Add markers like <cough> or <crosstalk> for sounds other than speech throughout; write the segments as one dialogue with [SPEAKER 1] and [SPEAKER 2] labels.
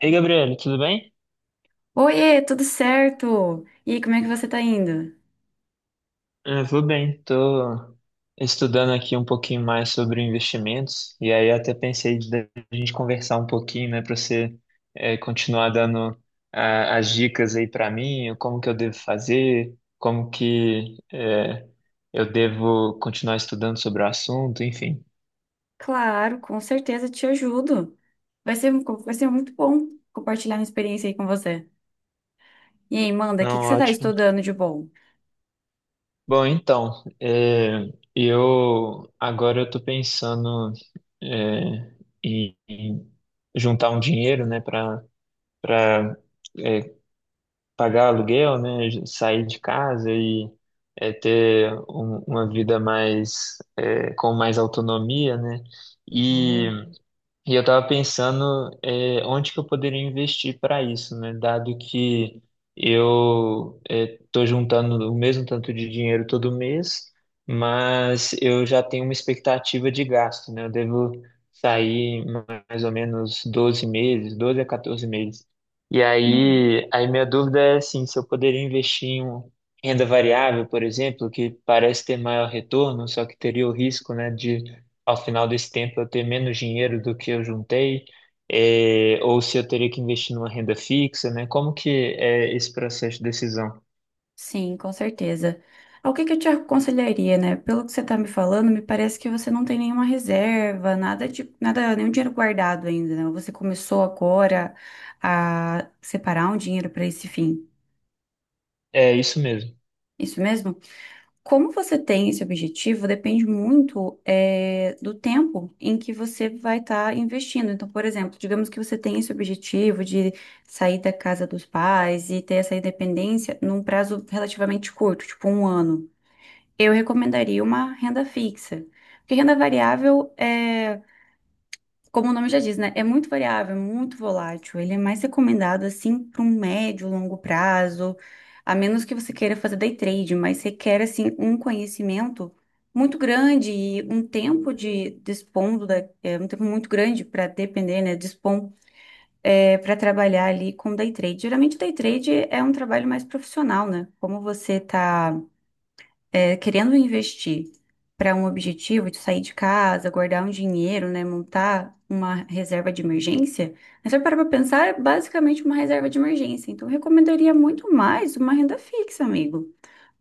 [SPEAKER 1] Ei, Gabriel, tudo bem?
[SPEAKER 2] Oiê, tudo certo? E aí, como é que você tá indo?
[SPEAKER 1] Eu vou bem, tô estudando aqui um pouquinho mais sobre investimentos e aí até pensei da gente conversar um pouquinho, né, para você continuar dando as dicas aí para mim, como que eu devo fazer, como que eu devo continuar estudando sobre o assunto, enfim.
[SPEAKER 2] Claro, com certeza te ajudo. Vai ser, vai ser muito bom compartilhar minha experiência aí com você. E aí, manda, o que que
[SPEAKER 1] Não,
[SPEAKER 2] você tá
[SPEAKER 1] ótimo.
[SPEAKER 2] estudando de bom?
[SPEAKER 1] Bom, então, eu agora eu tô pensando eh, em juntar um dinheiro, né, para para pagar aluguel, né? Sair de casa e é, ter uma vida mais é, com mais autonomia, né?
[SPEAKER 2] Boa.
[SPEAKER 1] E eu estava pensando, onde que eu poderia investir para isso, né? Dado que eu estou juntando o mesmo tanto de dinheiro todo mês, mas eu já tenho uma expectativa de gasto, né? Eu devo sair mais ou menos 12 meses, 12 a 14 meses. E
[SPEAKER 2] Uhum.
[SPEAKER 1] aí, minha dúvida é assim, se eu poderia investir em renda variável, por exemplo, que parece ter maior retorno, só que teria o risco, né, de ao final desse tempo eu ter menos dinheiro do que eu juntei, é, ou se eu teria que investir numa renda fixa, né? Como que é esse processo de decisão?
[SPEAKER 2] Sim, com certeza. Ah, o que que eu te aconselharia, né? Pelo que você tá me falando, me parece que você não tem nenhuma reserva, nada de, nada, nenhum dinheiro guardado ainda, né? Você começou agora a separar um dinheiro para esse fim.
[SPEAKER 1] É isso mesmo,
[SPEAKER 2] Isso mesmo? Como você tem esse objetivo depende muito do tempo em que você vai estar investindo. Então, por exemplo, digamos que você tem esse objetivo de sair da casa dos pais e ter essa independência num prazo relativamente curto, tipo um ano. Eu recomendaria uma renda fixa. Porque renda variável é como o nome já diz, né? É muito variável, é muito volátil. Ele é mais recomendado assim para um médio, longo prazo, a menos que você queira fazer day trade, mas requer assim um conhecimento muito grande e um tempo de dispondo da, um tempo muito grande para depender, né? Dispor para trabalhar ali com day trade. Geralmente day trade é um trabalho mais profissional, né? Como você tá querendo investir para um objetivo de sair de casa, guardar um dinheiro, né, montar uma reserva de emergência, mas se eu parar para pensar, é basicamente uma reserva de emergência. Então, eu recomendaria muito mais uma renda fixa, amigo.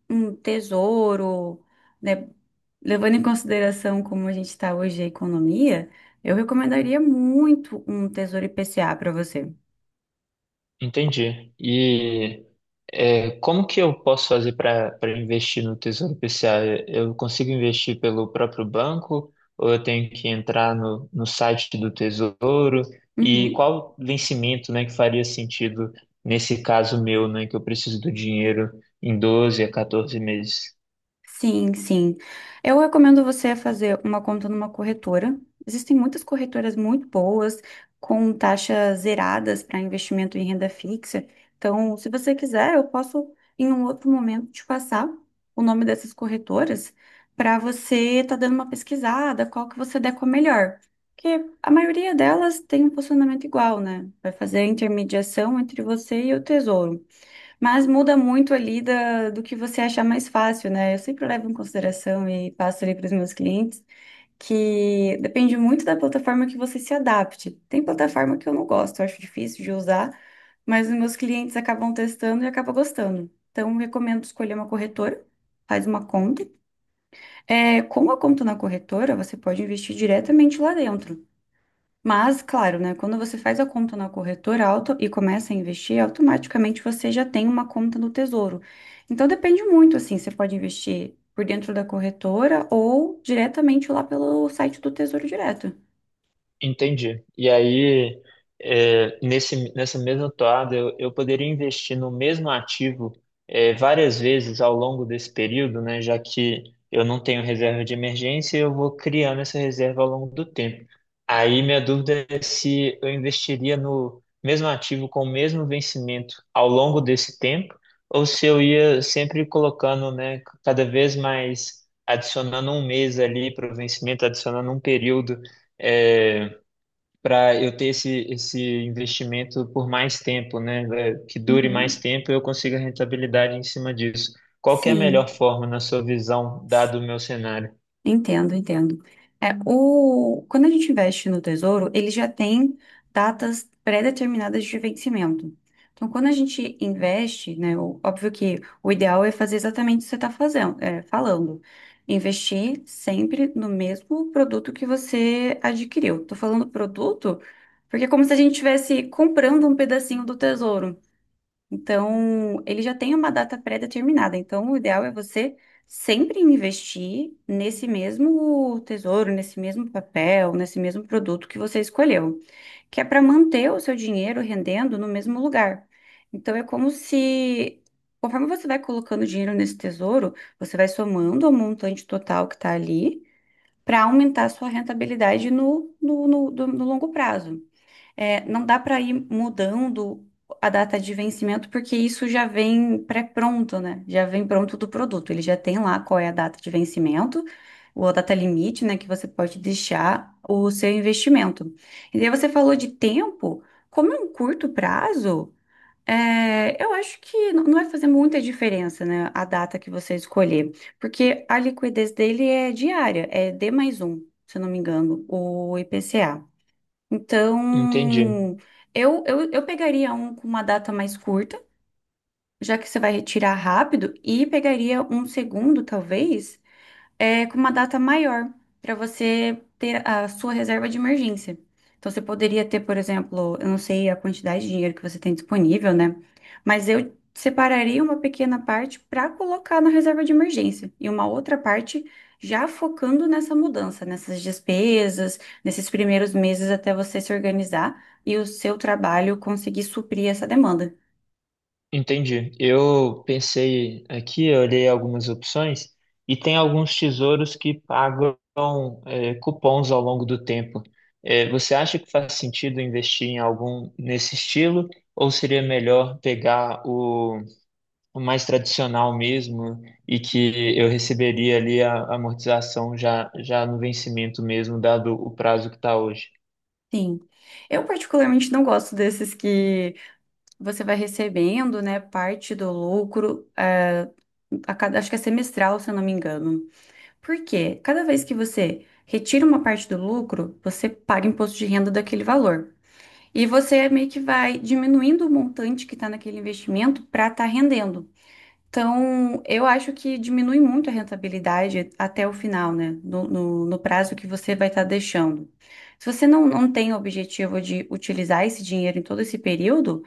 [SPEAKER 2] Um tesouro, né, levando em consideração como a gente está hoje a economia, eu recomendaria muito um tesouro IPCA para você.
[SPEAKER 1] entendi. E é, como que eu posso fazer para investir no Tesouro PCA? Eu consigo investir pelo próprio banco ou eu tenho que entrar no site do Tesouro? E
[SPEAKER 2] Uhum.
[SPEAKER 1] qual vencimento, né, que faria sentido nesse caso meu, né, que eu preciso do dinheiro em 12 a 14 meses?
[SPEAKER 2] Sim, sim. Eu recomendo você fazer uma conta numa corretora. Existem muitas corretoras muito boas, com taxas zeradas para investimento em renda fixa. Então, se você quiser, eu posso, em um outro momento, te passar o nome dessas corretoras para você estar dando uma pesquisada, qual que você der com a melhor. Porque a maioria delas tem um funcionamento igual, né? Vai fazer a intermediação entre você e o tesouro. Mas muda muito ali da, do que você achar mais fácil, né? Eu sempre levo em consideração e passo ali para os meus clientes que depende muito da plataforma que você se adapte. Tem plataforma que eu não gosto, eu acho difícil de usar, mas os meus clientes acabam testando e acabam gostando. Então, eu recomendo escolher uma corretora, faz uma conta. É, com a conta na corretora, você pode investir diretamente lá dentro. Mas, claro, né? Quando você faz a conta na corretora auto e começa a investir, automaticamente você já tem uma conta no Tesouro. Então depende muito, assim, você pode investir por dentro da corretora ou diretamente lá pelo site do Tesouro Direto.
[SPEAKER 1] Entendi. E aí, é, nessa mesma toada, eu poderia investir no mesmo ativo, é, várias vezes ao longo desse período, né? Já que eu não tenho reserva de emergência, eu vou criando essa reserva ao longo do tempo. Aí, minha dúvida é se eu investiria no mesmo ativo com o mesmo vencimento ao longo desse tempo, ou se eu ia sempre colocando, né, cada vez mais, adicionando um mês ali para o vencimento, adicionando um período. É, para eu ter esse investimento por mais tempo, né? Que dure mais
[SPEAKER 2] Uhum.
[SPEAKER 1] tempo e eu consiga rentabilidade em cima disso. Qual que é a melhor
[SPEAKER 2] Sim.
[SPEAKER 1] forma, na sua visão, dado o meu cenário?
[SPEAKER 2] Entendo, entendo. É, o, quando a gente investe no tesouro, ele já tem datas pré-determinadas de vencimento. Então, quando a gente investe, né, o- óbvio que o ideal é fazer exatamente o que você está fazendo, é, falando. Investir sempre no mesmo produto que você adquiriu. Estou falando produto porque é como se a gente estivesse comprando um pedacinho do tesouro. Então, ele já tem uma data pré-determinada. Então, o ideal é você sempre investir nesse mesmo tesouro, nesse mesmo papel, nesse mesmo produto que você escolheu, que é para manter o seu dinheiro rendendo no mesmo lugar. Então, é como se, conforme você vai colocando dinheiro nesse tesouro, você vai somando ao montante total que está ali para aumentar a sua rentabilidade no longo prazo. É, não dá para ir mudando a data de vencimento, porque isso já vem pré-pronto, né? Já vem pronto do produto. Ele já tem lá qual é a data de vencimento, ou a data limite, né? Que você pode deixar o seu investimento. E daí você falou de tempo, como é um curto prazo, é, eu acho que n- não vai fazer muita diferença, né? A data que você escolher, porque a liquidez dele é diária, é D mais um, se eu não me engano, o IPCA.
[SPEAKER 1] Entendi,
[SPEAKER 2] Então, eu pegaria um com uma data mais curta, já que você vai retirar rápido, e pegaria um segundo, talvez com uma data maior para você ter a sua reserva de emergência. Então, você poderia ter, por exemplo, eu não sei a quantidade de dinheiro que você tem disponível, né? Mas eu separaria uma pequena parte para colocar na reserva de emergência e uma outra parte já focando nessa mudança, nessas despesas, nesses primeiros meses até você se organizar e o seu trabalho conseguir suprir essa demanda.
[SPEAKER 1] entendi. Eu pensei aqui, eu olhei algumas opções e tem alguns tesouros que pagam cupons ao longo do tempo. Eh, você acha que faz sentido investir em algum nesse estilo ou seria melhor pegar o mais tradicional mesmo e que eu receberia ali a amortização já, já no vencimento mesmo, dado o prazo que está hoje.
[SPEAKER 2] Sim. Eu particularmente não gosto desses que você vai recebendo, né, parte do lucro, a cada, acho que é semestral, se eu não me engano. Por quê? Cada vez que você retira uma parte do lucro, você paga imposto de renda daquele valor. E você meio que vai diminuindo o montante que está naquele investimento para estar rendendo. Então, eu acho que diminui muito a rentabilidade até o final, né? No prazo que você vai estar deixando. Se você não, não tem o objetivo de utilizar esse dinheiro em todo esse período,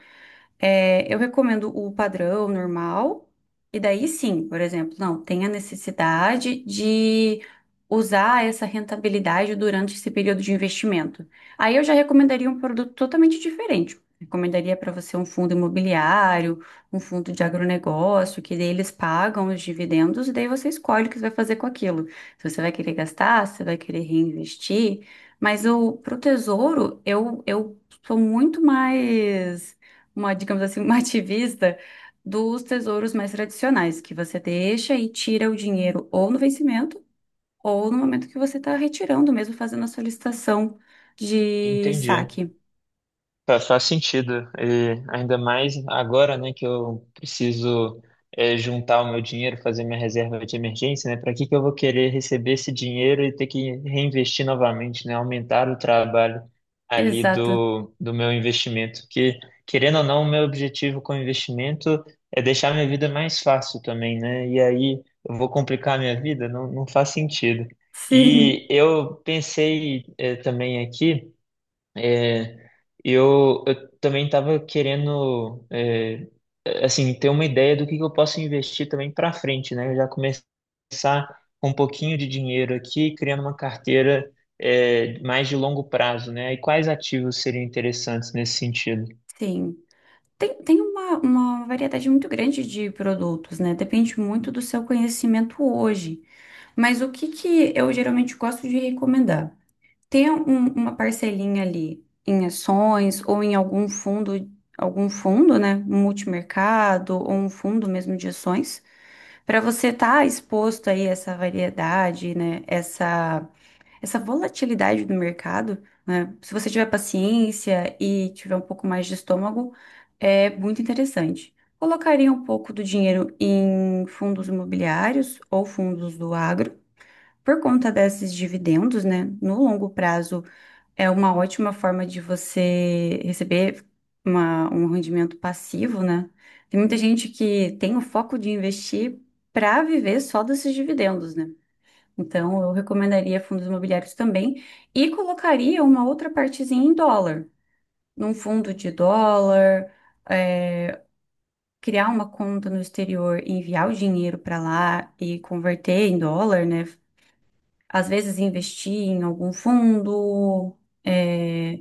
[SPEAKER 2] eu recomendo o padrão normal, e daí sim, por exemplo, não, tem a necessidade de usar essa rentabilidade durante esse período de investimento. Aí eu já recomendaria um produto totalmente diferente. Recomendaria para você um fundo imobiliário, um fundo de agronegócio, que daí eles pagam os dividendos e daí você escolhe o que você vai fazer com aquilo. Se você vai querer gastar, se você vai querer reinvestir. Mas o, pro tesouro, eu sou muito mais uma, digamos assim, uma <laughs> ativista dos tesouros mais tradicionais, que você deixa e tira o dinheiro ou no vencimento, ou no momento que você está retirando, mesmo fazendo a solicitação de
[SPEAKER 1] Entendi.
[SPEAKER 2] saque.
[SPEAKER 1] Faz sentido, e ainda mais agora, né, que eu preciso juntar o meu dinheiro, fazer minha reserva de emergência, né? Para que que eu vou querer receber esse dinheiro e ter que reinvestir novamente, né? Aumentar o trabalho ali
[SPEAKER 2] Exato.
[SPEAKER 1] do meu investimento, que querendo ou não, o meu objetivo com o investimento é deixar minha vida mais fácil também, né? E aí eu vou complicar a minha vida? Não, não faz sentido. E
[SPEAKER 2] Sim.
[SPEAKER 1] eu pensei também aqui. eh, eu também estava querendo, é, assim, ter uma ideia do que eu posso investir também para frente, né? Eu já começar com um pouquinho de dinheiro aqui, criando uma carteira, é, mais de longo prazo, né? E quais ativos seriam interessantes nesse sentido?
[SPEAKER 2] Sim. Tem uma variedade muito grande de produtos, né? Depende muito do seu conhecimento hoje. Mas o que que eu geralmente gosto de recomendar? Ter um- uma parcelinha ali em ações ou em algum fundo, né? Um multimercado ou um fundo mesmo de ações, para você estar exposto aí a essa variedade, né? Essa volatilidade do mercado, né? Se você tiver paciência e tiver um pouco mais de estômago, é muito interessante. Colocaria um pouco do dinheiro em fundos imobiliários ou fundos do agro. Por conta desses dividendos, né? No longo prazo, é uma ótima forma de você receber uma- um rendimento passivo, né? Tem muita gente que tem o foco de investir para viver só desses dividendos, né? Então, eu recomendaria fundos imobiliários também e colocaria uma outra partezinha em dólar, num fundo de dólar, é, criar uma conta no exterior, e enviar o dinheiro para lá e converter em dólar, né? Às vezes investir em algum fundo. é,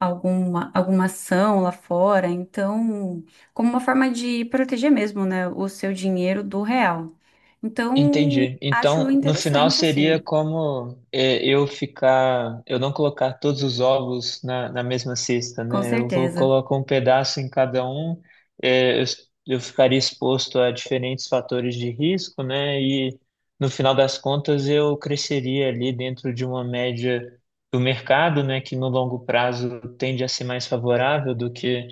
[SPEAKER 2] alguma, alguma ação lá fora. Então, como uma forma de proteger mesmo, né, o seu dinheiro do real. Então,
[SPEAKER 1] Entendi.
[SPEAKER 2] acho
[SPEAKER 1] Então, no final
[SPEAKER 2] interessante,
[SPEAKER 1] seria
[SPEAKER 2] assim,
[SPEAKER 1] como é, eu ficar, eu não colocar todos os ovos na mesma cesta,
[SPEAKER 2] com
[SPEAKER 1] né? Eu vou
[SPEAKER 2] certeza,
[SPEAKER 1] colocar um pedaço em cada um, é, eu, eu ficaria exposto a diferentes fatores de risco, né? E no final das contas eu cresceria ali dentro de uma média do mercado, né? Que no longo prazo tende a ser mais favorável do que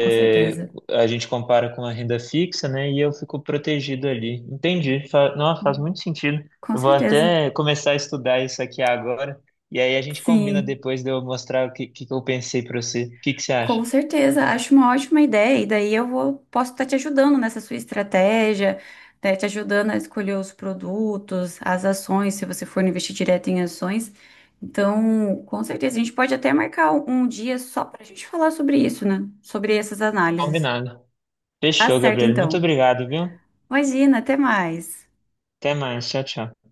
[SPEAKER 2] com certeza,
[SPEAKER 1] a gente compara com a renda fixa, né? E eu fico protegido ali. Entendi. Fa Nossa, faz muito sentido.
[SPEAKER 2] com
[SPEAKER 1] Eu vou
[SPEAKER 2] certeza.
[SPEAKER 1] até começar a estudar isso aqui agora. E aí a gente combina
[SPEAKER 2] Sim.
[SPEAKER 1] depois de eu mostrar o que, que eu pensei para você. O que que você
[SPEAKER 2] Com
[SPEAKER 1] acha?
[SPEAKER 2] certeza, acho uma ótima ideia, e daí eu vou, posso estar te ajudando nessa sua estratégia, né, te ajudando a escolher os produtos, as ações, se você for investir direto em ações. Então, com certeza, a gente pode até marcar um dia só para a gente falar sobre isso, né? Sobre essas análises.
[SPEAKER 1] Combinado.
[SPEAKER 2] Tá
[SPEAKER 1] Fechou,
[SPEAKER 2] certo,
[SPEAKER 1] Gabriel. Muito
[SPEAKER 2] então.
[SPEAKER 1] obrigado, viu?
[SPEAKER 2] Imagina, até mais.
[SPEAKER 1] Até mais. Tchau, tchau.